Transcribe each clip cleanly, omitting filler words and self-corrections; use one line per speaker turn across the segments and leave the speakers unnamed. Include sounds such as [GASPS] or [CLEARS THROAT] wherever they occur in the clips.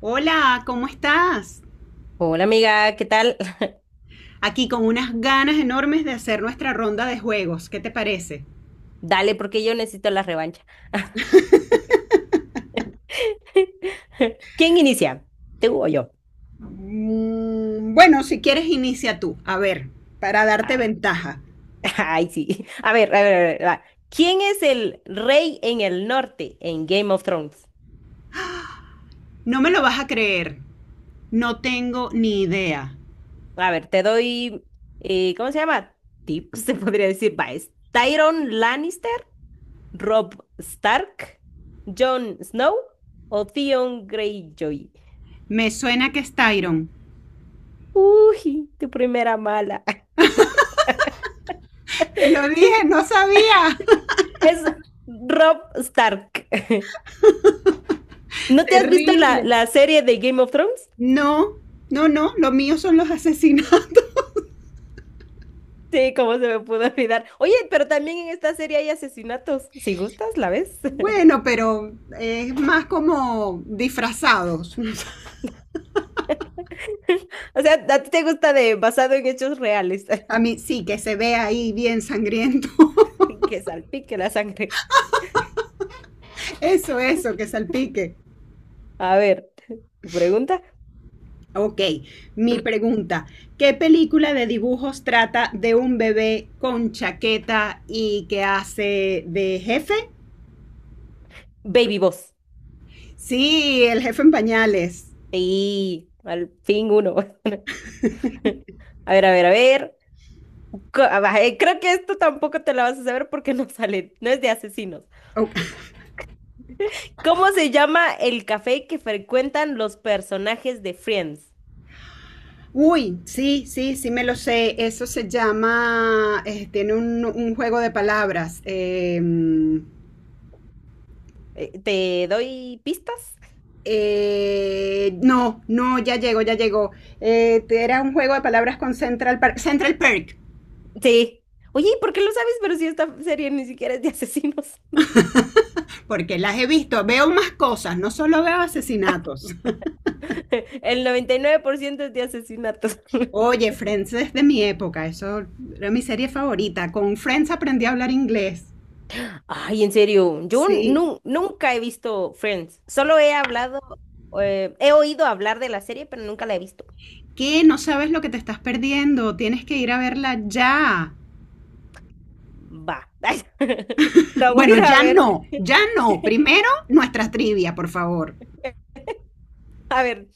Hola, ¿cómo estás?
Hola amiga, ¿qué tal? [LAUGHS]
Aquí con unas ganas enormes de hacer nuestra ronda de juegos. ¿Qué te parece?
Dale, porque yo necesito la revancha. [LAUGHS] ¿Quién inicia? ¿Tú o yo?
Bueno, si quieres, inicia tú. A ver, para darte
Ah,
ventaja.
[LAUGHS] ay, sí. A ver, a ver, a ver, va. ¿Quién es el rey en el norte en Game of Thrones?
No me lo vas a creer. No tengo ni idea.
A ver, te doy, ¿cómo se llama? Tips, [LAUGHS] se podría decir. Va, es Tyrion Lannister, Rob Stark, Jon Snow o Theon Greyjoy.
Me suena que es Tyron.
Uy, tu primera mala. [LAUGHS]
Te lo dije, no sabía.
Es Rob Stark. [LAUGHS]
[LAUGHS]
¿No te has visto la,
Terrible.
la serie de Game of Thrones?
No, no, no, lo mío son los asesinatos. [LAUGHS]
Sí, cómo se me pudo olvidar. Oye, pero también en esta serie hay asesinatos. Si gustas, la ves. [LAUGHS]
Bueno, pero es más como disfrazados. [LAUGHS]
O sea, a ti te gusta de basado en hechos reales,
A mí sí, que se ve ahí bien sangriento. [LAUGHS]
[LAUGHS] que salpique la sangre.
Eso, que salpique.
A ver, tu pregunta.
Ok, mi
[CLEARS THROAT]
pregunta, ¿qué película de dibujos trata de un bebé con chaqueta y que hace de jefe?
Baby Boss.
Sí, el jefe en pañales.
Sí, al fin uno. [LAUGHS] A ver, a ver, a ver. Creo que esto tampoco te la vas a saber porque no sale, no es de asesinos.
Oh,
¿Cómo se llama el café que frecuentan los personajes de Friends?
uy, sí, sí, sí me lo sé. Eso se llama, tiene un juego de palabras.
¿Te doy pistas?
No, no, ya llegó, ya llegó. Era un juego de palabras con Central Park. Central Perk.
Sí. Oye, ¿y por qué lo sabes? Pero si esta serie ni siquiera es de asesinos.
Porque las he visto, veo más cosas, no solo veo asesinatos. [LAUGHS]
[LAUGHS] El 99% es de asesinatos. [LAUGHS]
Oye, Friends es de mi época, eso era mi serie favorita. Con Friends aprendí a hablar inglés.
Ay, en serio, yo
Sí.
nunca he visto Friends. Solo he hablado, he oído hablar de la serie, pero nunca la he visto.
¿Qué? No sabes lo que te estás perdiendo, tienes que ir a verla ya.
Va. [LAUGHS]
[LAUGHS]
La voy a
Bueno,
ir a
ya
ver.
no, ya no.
[LAUGHS]
Primero, nuestra trivia, por favor.
A ver,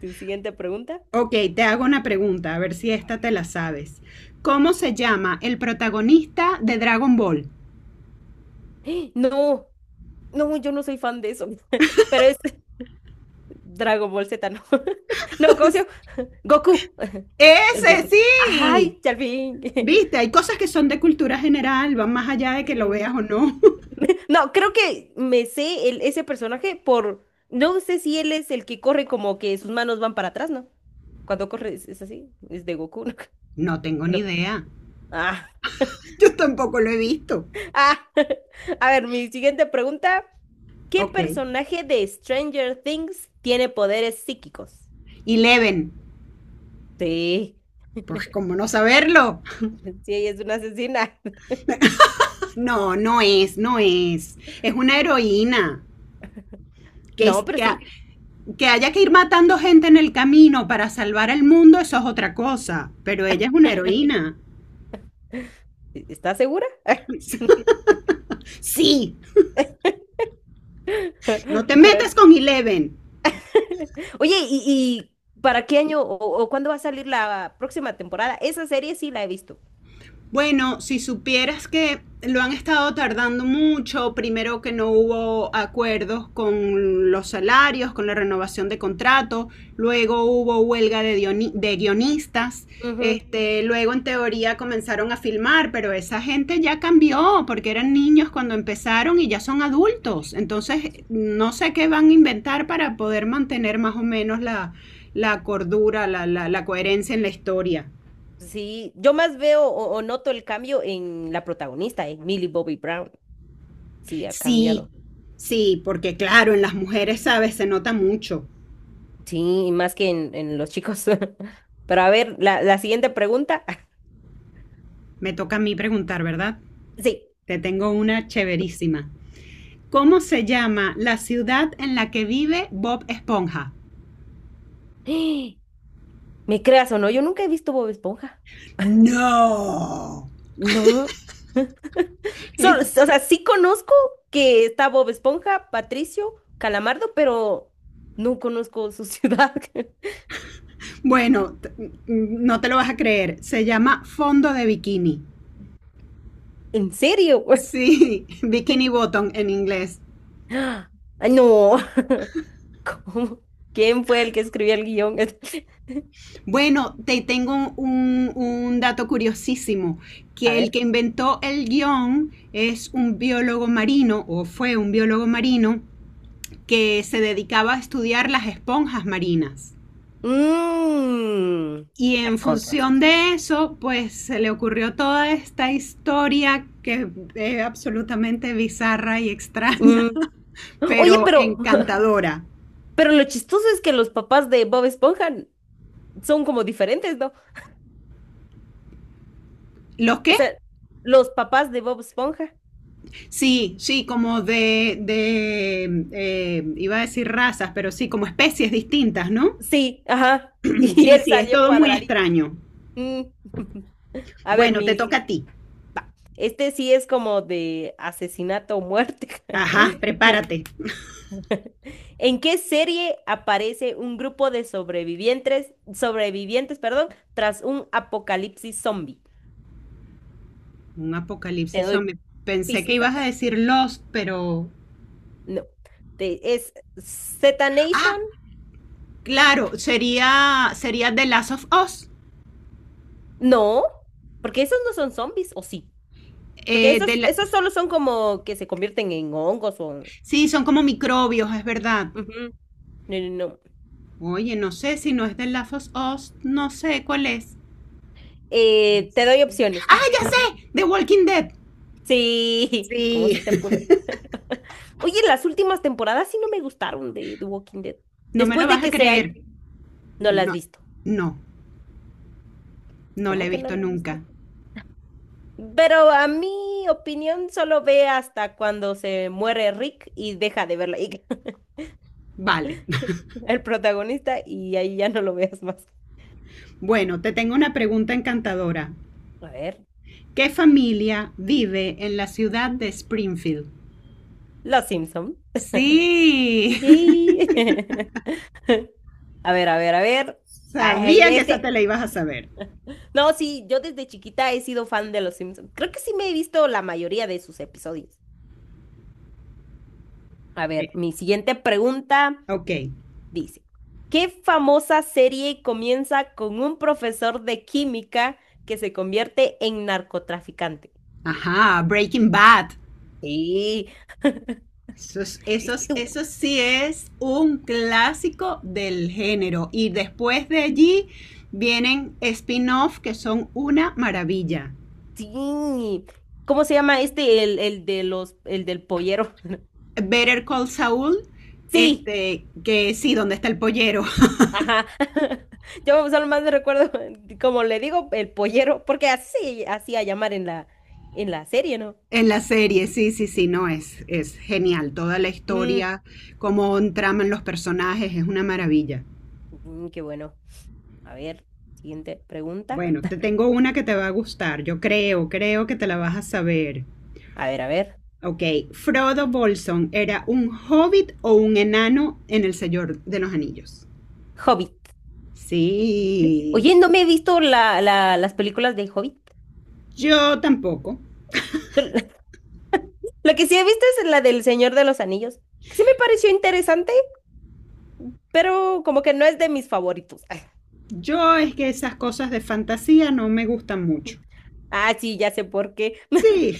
tu siguiente pregunta.
Ok, te hago una pregunta, a ver si esta te la sabes. ¿Cómo se llama el protagonista de Dragon Ball?
No, No, yo no soy fan de eso. [LAUGHS] Pero es Dragon Ball Z, no. [LAUGHS] No, ¿cómo se llama? Goku. [LAUGHS] Es
Ese
Goku.
sí.
Ay, ya al fin. [LAUGHS]
Viste, hay cosas que son de cultura general, van más allá de que lo
Sí.
veas o no. [LAUGHS]
No, creo que me sé el, ese personaje por. No sé si él es el que corre como que sus manos van para atrás, ¿no? Cuando corre es así. Es de Goku, ¿no?
No
[LAUGHS]
tengo ni
No.
idea.
Ah,
Yo tampoco lo he visto.
ah. [LAUGHS] A ver, mi siguiente pregunta. ¿Qué
Ok.
personaje de Stranger Things tiene poderes psíquicos?
Eleven.
Sí.
Pues como no saberlo.
[LAUGHS] Sí, ella es una asesina. [LAUGHS]
[LAUGHS] No, no es, no es. Es una heroína. Que, es-
No, pero
que, ha-
sí.
que haya que ir matando gente en el camino para salvar el mundo, eso es otra cosa. Pero ella es una heroína.
¿Estás segura? [LAUGHS]
[LAUGHS] Sí, no te
A ver.
metas con Eleven.
[LAUGHS] Oye, ¿y para qué año o cuándo va a salir la próxima temporada? Esa serie sí la he visto.
Bueno, si supieras que lo han estado tardando mucho, primero que no hubo acuerdos con los salarios, con la renovación de contrato, luego hubo huelga de guionistas,
Ujú.
este, luego en teoría comenzaron a filmar, pero esa gente ya cambió porque eran niños cuando empezaron y ya son adultos, entonces
Sí,
no sé qué van a inventar para poder mantener más o menos la cordura, la coherencia en la historia.
sí, yo más veo o noto el cambio en la protagonista, en Millie Bobby Brown. Sí, ha
Sí,
cambiado.
sí, porque claro, en las mujeres, sabes, se nota mucho.
Sí, y más que en los chicos. [LAUGHS] Pero a ver, la siguiente pregunta. [LAUGHS]
Me toca a mí preguntar, ¿verdad?
Sí.
Te tengo una chéverísima. ¿Cómo se llama la ciudad en la que vive Bob Esponja?
[GASPS] ¿Me creas o no? Yo nunca he visto Bob Esponja.
No.
No.
Eh,
O sea, sí conozco que está Bob Esponja, Patricio, Calamardo, pero no conozco su ciudad. [LAUGHS]
Bueno, no te lo vas a creer. Se llama fondo de bikini.
¿En serio, güey?
Sí, [LAUGHS] bikini
[LAUGHS]
bottom en inglés.
Ay, no. [LAUGHS] ¿Cómo? ¿Quién fue el que escribió el guión? [LAUGHS]
Bueno, te tengo un dato curiosísimo,
A
que el que
ver.
inventó el guión es un biólogo marino, o fue un biólogo marino, que se dedicaba a estudiar las esponjas marinas.
Mm.
Y en
Ay, con razón.
función de eso, pues se le ocurrió toda esta historia que es absolutamente bizarra y
Mm.
extraña, [LAUGHS]
Oye,
pero
pero, [LAUGHS]
encantadora.
pero lo chistoso es que los papás de Bob Esponja son como diferentes, ¿no?
¿Lo
O
qué?
sea, los papás de Bob Esponja.
Sí, sí, como de iba a decir razas, pero sí, como especies distintas, ¿no?
Sí, ajá. [LAUGHS]
[CLEARS THROAT]
Y
Sí,
él
sí, es
salió
todo muy
cuadradito.
extraño.
Mm. [LAUGHS] A ver,
Bueno, te
mi,
toca
sí,
a ti.
este sí es como de asesinato o muerte.
Ajá,
[LAUGHS]
prepárate.
¿En qué serie aparece un grupo de sobrevivientes, perdón, tras un apocalipsis zombie?
Un
Te
apocalipsis
doy
zombie. Pensé que ibas a
pistas.
decir Lost, pero...
No. ¿Es Z
Ah,
Nation?
claro, sería, sería The Last of Us.
No, porque esos no son zombies, ¿o sí? Porque
Eh, de la-
esos solo son como que se convierten en hongos o...
Sí, son como microbios, es verdad.
Ujú. No.
Oye, no sé si no es The Last of Us, no sé cuál es.
Te doy opciones. [LAUGHS]
The Walking Dead.
Sí, [LAUGHS] ¿cómo se te
Sí.
pudo? [LAUGHS] Oye, las últimas temporadas sí no me gustaron de The Walking Dead.
No me lo
Después de
vas a
que se hay,
creer.
no las has
No,
visto.
no, no la he
¿Cómo que no
visto
las has
nunca.
visto? Pero a mi opinión solo ve hasta cuando se muere Rick y deja de verla [LAUGHS]
Vale. [LAUGHS]
el protagonista y ahí ya no lo veas más.
Bueno, te tengo una pregunta encantadora.
A ver,
¿Qué familia vive en la ciudad de Springfield?
Los Simpson.
Sí, [LAUGHS]
Yay. [LAUGHS] A ver, a ver, a ver. Ay,
sabía que esa
este.
te la ibas a saber.
No, sí, yo desde chiquita he sido fan de Los Simpson. Creo que sí me he visto la mayoría de sus episodios. A ver,
Eh,
mi siguiente pregunta
Ok.
dice, ¿qué famosa serie comienza con un profesor de química que se convierte en narcotraficante?
Ajá, Breaking Bad.
Sí,
Eso,
es tú,
eso sí es un clásico del género. Y después de allí vienen spin-off que son una maravilla.
sí. ¿Cómo se llama este, el de el del pollero?
Better Call Saul,
Sí,
este, que sí, donde está el pollero
ajá. [LAUGHS] Yo solo más me recuerdo, [LAUGHS] como le digo, el pollero, porque así hacía llamar en en la serie, ¿no?
[LAUGHS] en la serie, sí, sí, sí, no, es genial. Toda la
Mm,
historia, cómo traman los personajes, es una maravilla.
qué bueno. A ver, siguiente pregunta.
Bueno, te tengo una que te va a gustar, yo creo, creo que te la vas a saber.
A ver, a ver.
Ok, Frodo Bolson, ¿era un hobbit o un enano en el Señor de los Anillos?
Hobbit.
Sí,
Oye, no me he visto las películas de Hobbit.
yo tampoco.
La que sí he visto es la del Señor de los Anillos, que sí me pareció interesante, pero como que no es de mis favoritos. [LAUGHS]
Yo es que esas cosas de fantasía no me gustan mucho.
Ah, sí, ya sé por qué.
Sí,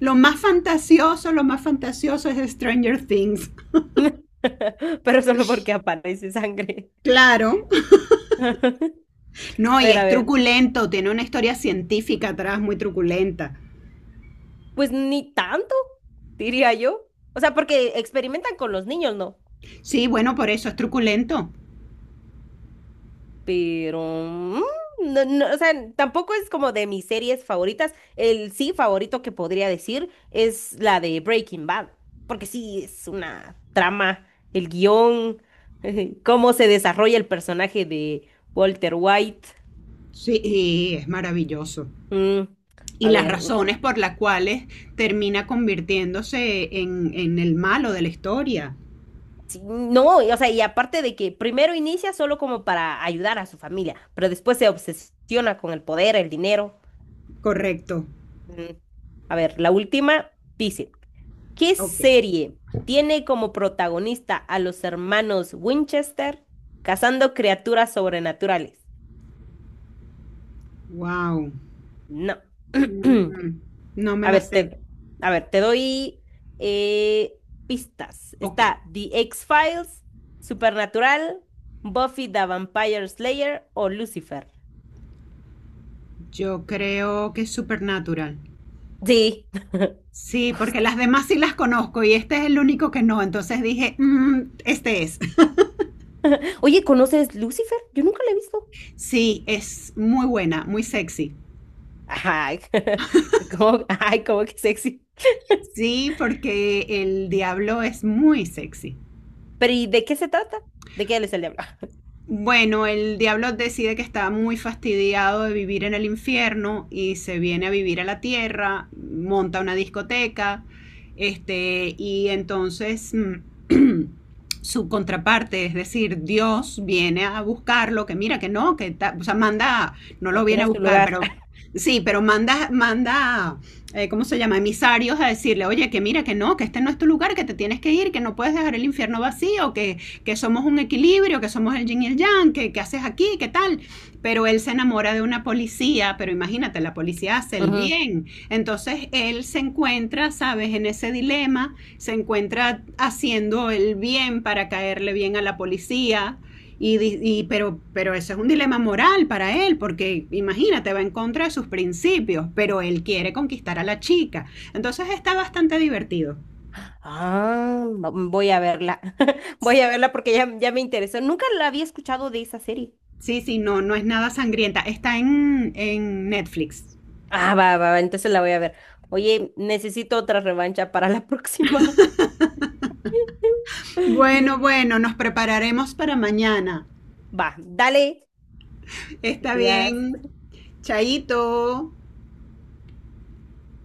lo más fantasioso, lo más fantasioso es Stranger Things.
[LAUGHS] Pero solo porque aparece sangre.
Claro.
[LAUGHS] A
No, y
ver, a
es
ver.
truculento, tiene una historia científica atrás muy truculenta.
Pues ni tanto, diría yo. O sea, porque experimentan con los niños, ¿no?
Sí, bueno, por eso es truculento.
Pero no, o sea, tampoco es como de mis series favoritas. El sí favorito que podría decir es la de Breaking Bad, porque sí es una trama, el guión, [LAUGHS] cómo se desarrolla el personaje de Walter White.
Sí, y es maravilloso.
Mm,
Y
a
las
ver,
razones por las cuales termina convirtiéndose en el malo de la historia.
sí, no, o sea, y aparte de que primero inicia solo como para ayudar a su familia, pero después se obsesiona con el poder, el dinero.
Correcto.
Mm, a ver, la última, dice. ¿Qué
Ok.
serie tiene como protagonista a los hermanos Winchester cazando criaturas sobrenaturales?
Wow.
No.
Mm, mm. No
[CLEARS THROAT]
me
A
la
ver,
sé.
a ver, te doy eh, pistas.
Ok.
Está The X-Files, Supernatural, Buffy the Vampire Slayer o Lucifer.
Yo creo que es Supernatural.
Sí.
Sí, porque las demás sí las conozco y este es el único que no. Entonces dije, "Mm, este es". [LAUGHS]
[LAUGHS] Oye, ¿conoces Lucifer? Yo nunca la he visto.
Sí, es muy buena, muy sexy.
Ay, [LAUGHS] ¿cómo, ay, cómo que sexy?
Sí, porque el diablo es muy sexy.
Pero ¿y de qué se trata? ¿De qué él es el diablo?
Bueno, el diablo decide que está muy fastidiado de vivir en el infierno y se viene a vivir a la tierra, monta una discoteca, y entonces [CLEARS THROAT] su contraparte, es decir, Dios viene a buscarlo, que mira que no, o sea, manda, no
[LAUGHS]
lo
Aquí no
viene a
es tu
buscar,
lugar.
pero sí, pero manda, ¿cómo se llama? Emisarios a decirle, oye, que mira que no, que este no es tu lugar, que te tienes que ir, que no puedes dejar el infierno vacío, que somos un equilibrio, que somos el yin y el yang, que haces aquí, qué tal. Pero él se enamora de una policía, pero imagínate, la policía hace
[LAUGHS]
el
Ujú.
bien. Entonces él se encuentra, sabes, en ese dilema, se encuentra haciendo el bien para caerle bien a la policía. Pero eso es un dilema moral para él, porque imagínate, va en contra de sus principios, pero él quiere conquistar a la chica. Entonces está bastante divertido.
Ah, voy a verla. [LAUGHS] Voy a verla porque ya me interesó. Nunca la había escuchado de esa serie.
Sí, sí, no, no es nada sangrienta. Está en Netflix.
Ah, va, va, va, entonces la voy a ver. Oye, necesito otra revancha para la próxima.
Bueno,
[LAUGHS]
bueno, nos prepararemos para mañana.
Va, dale, te
Está
cuidas.
bien. Chaito.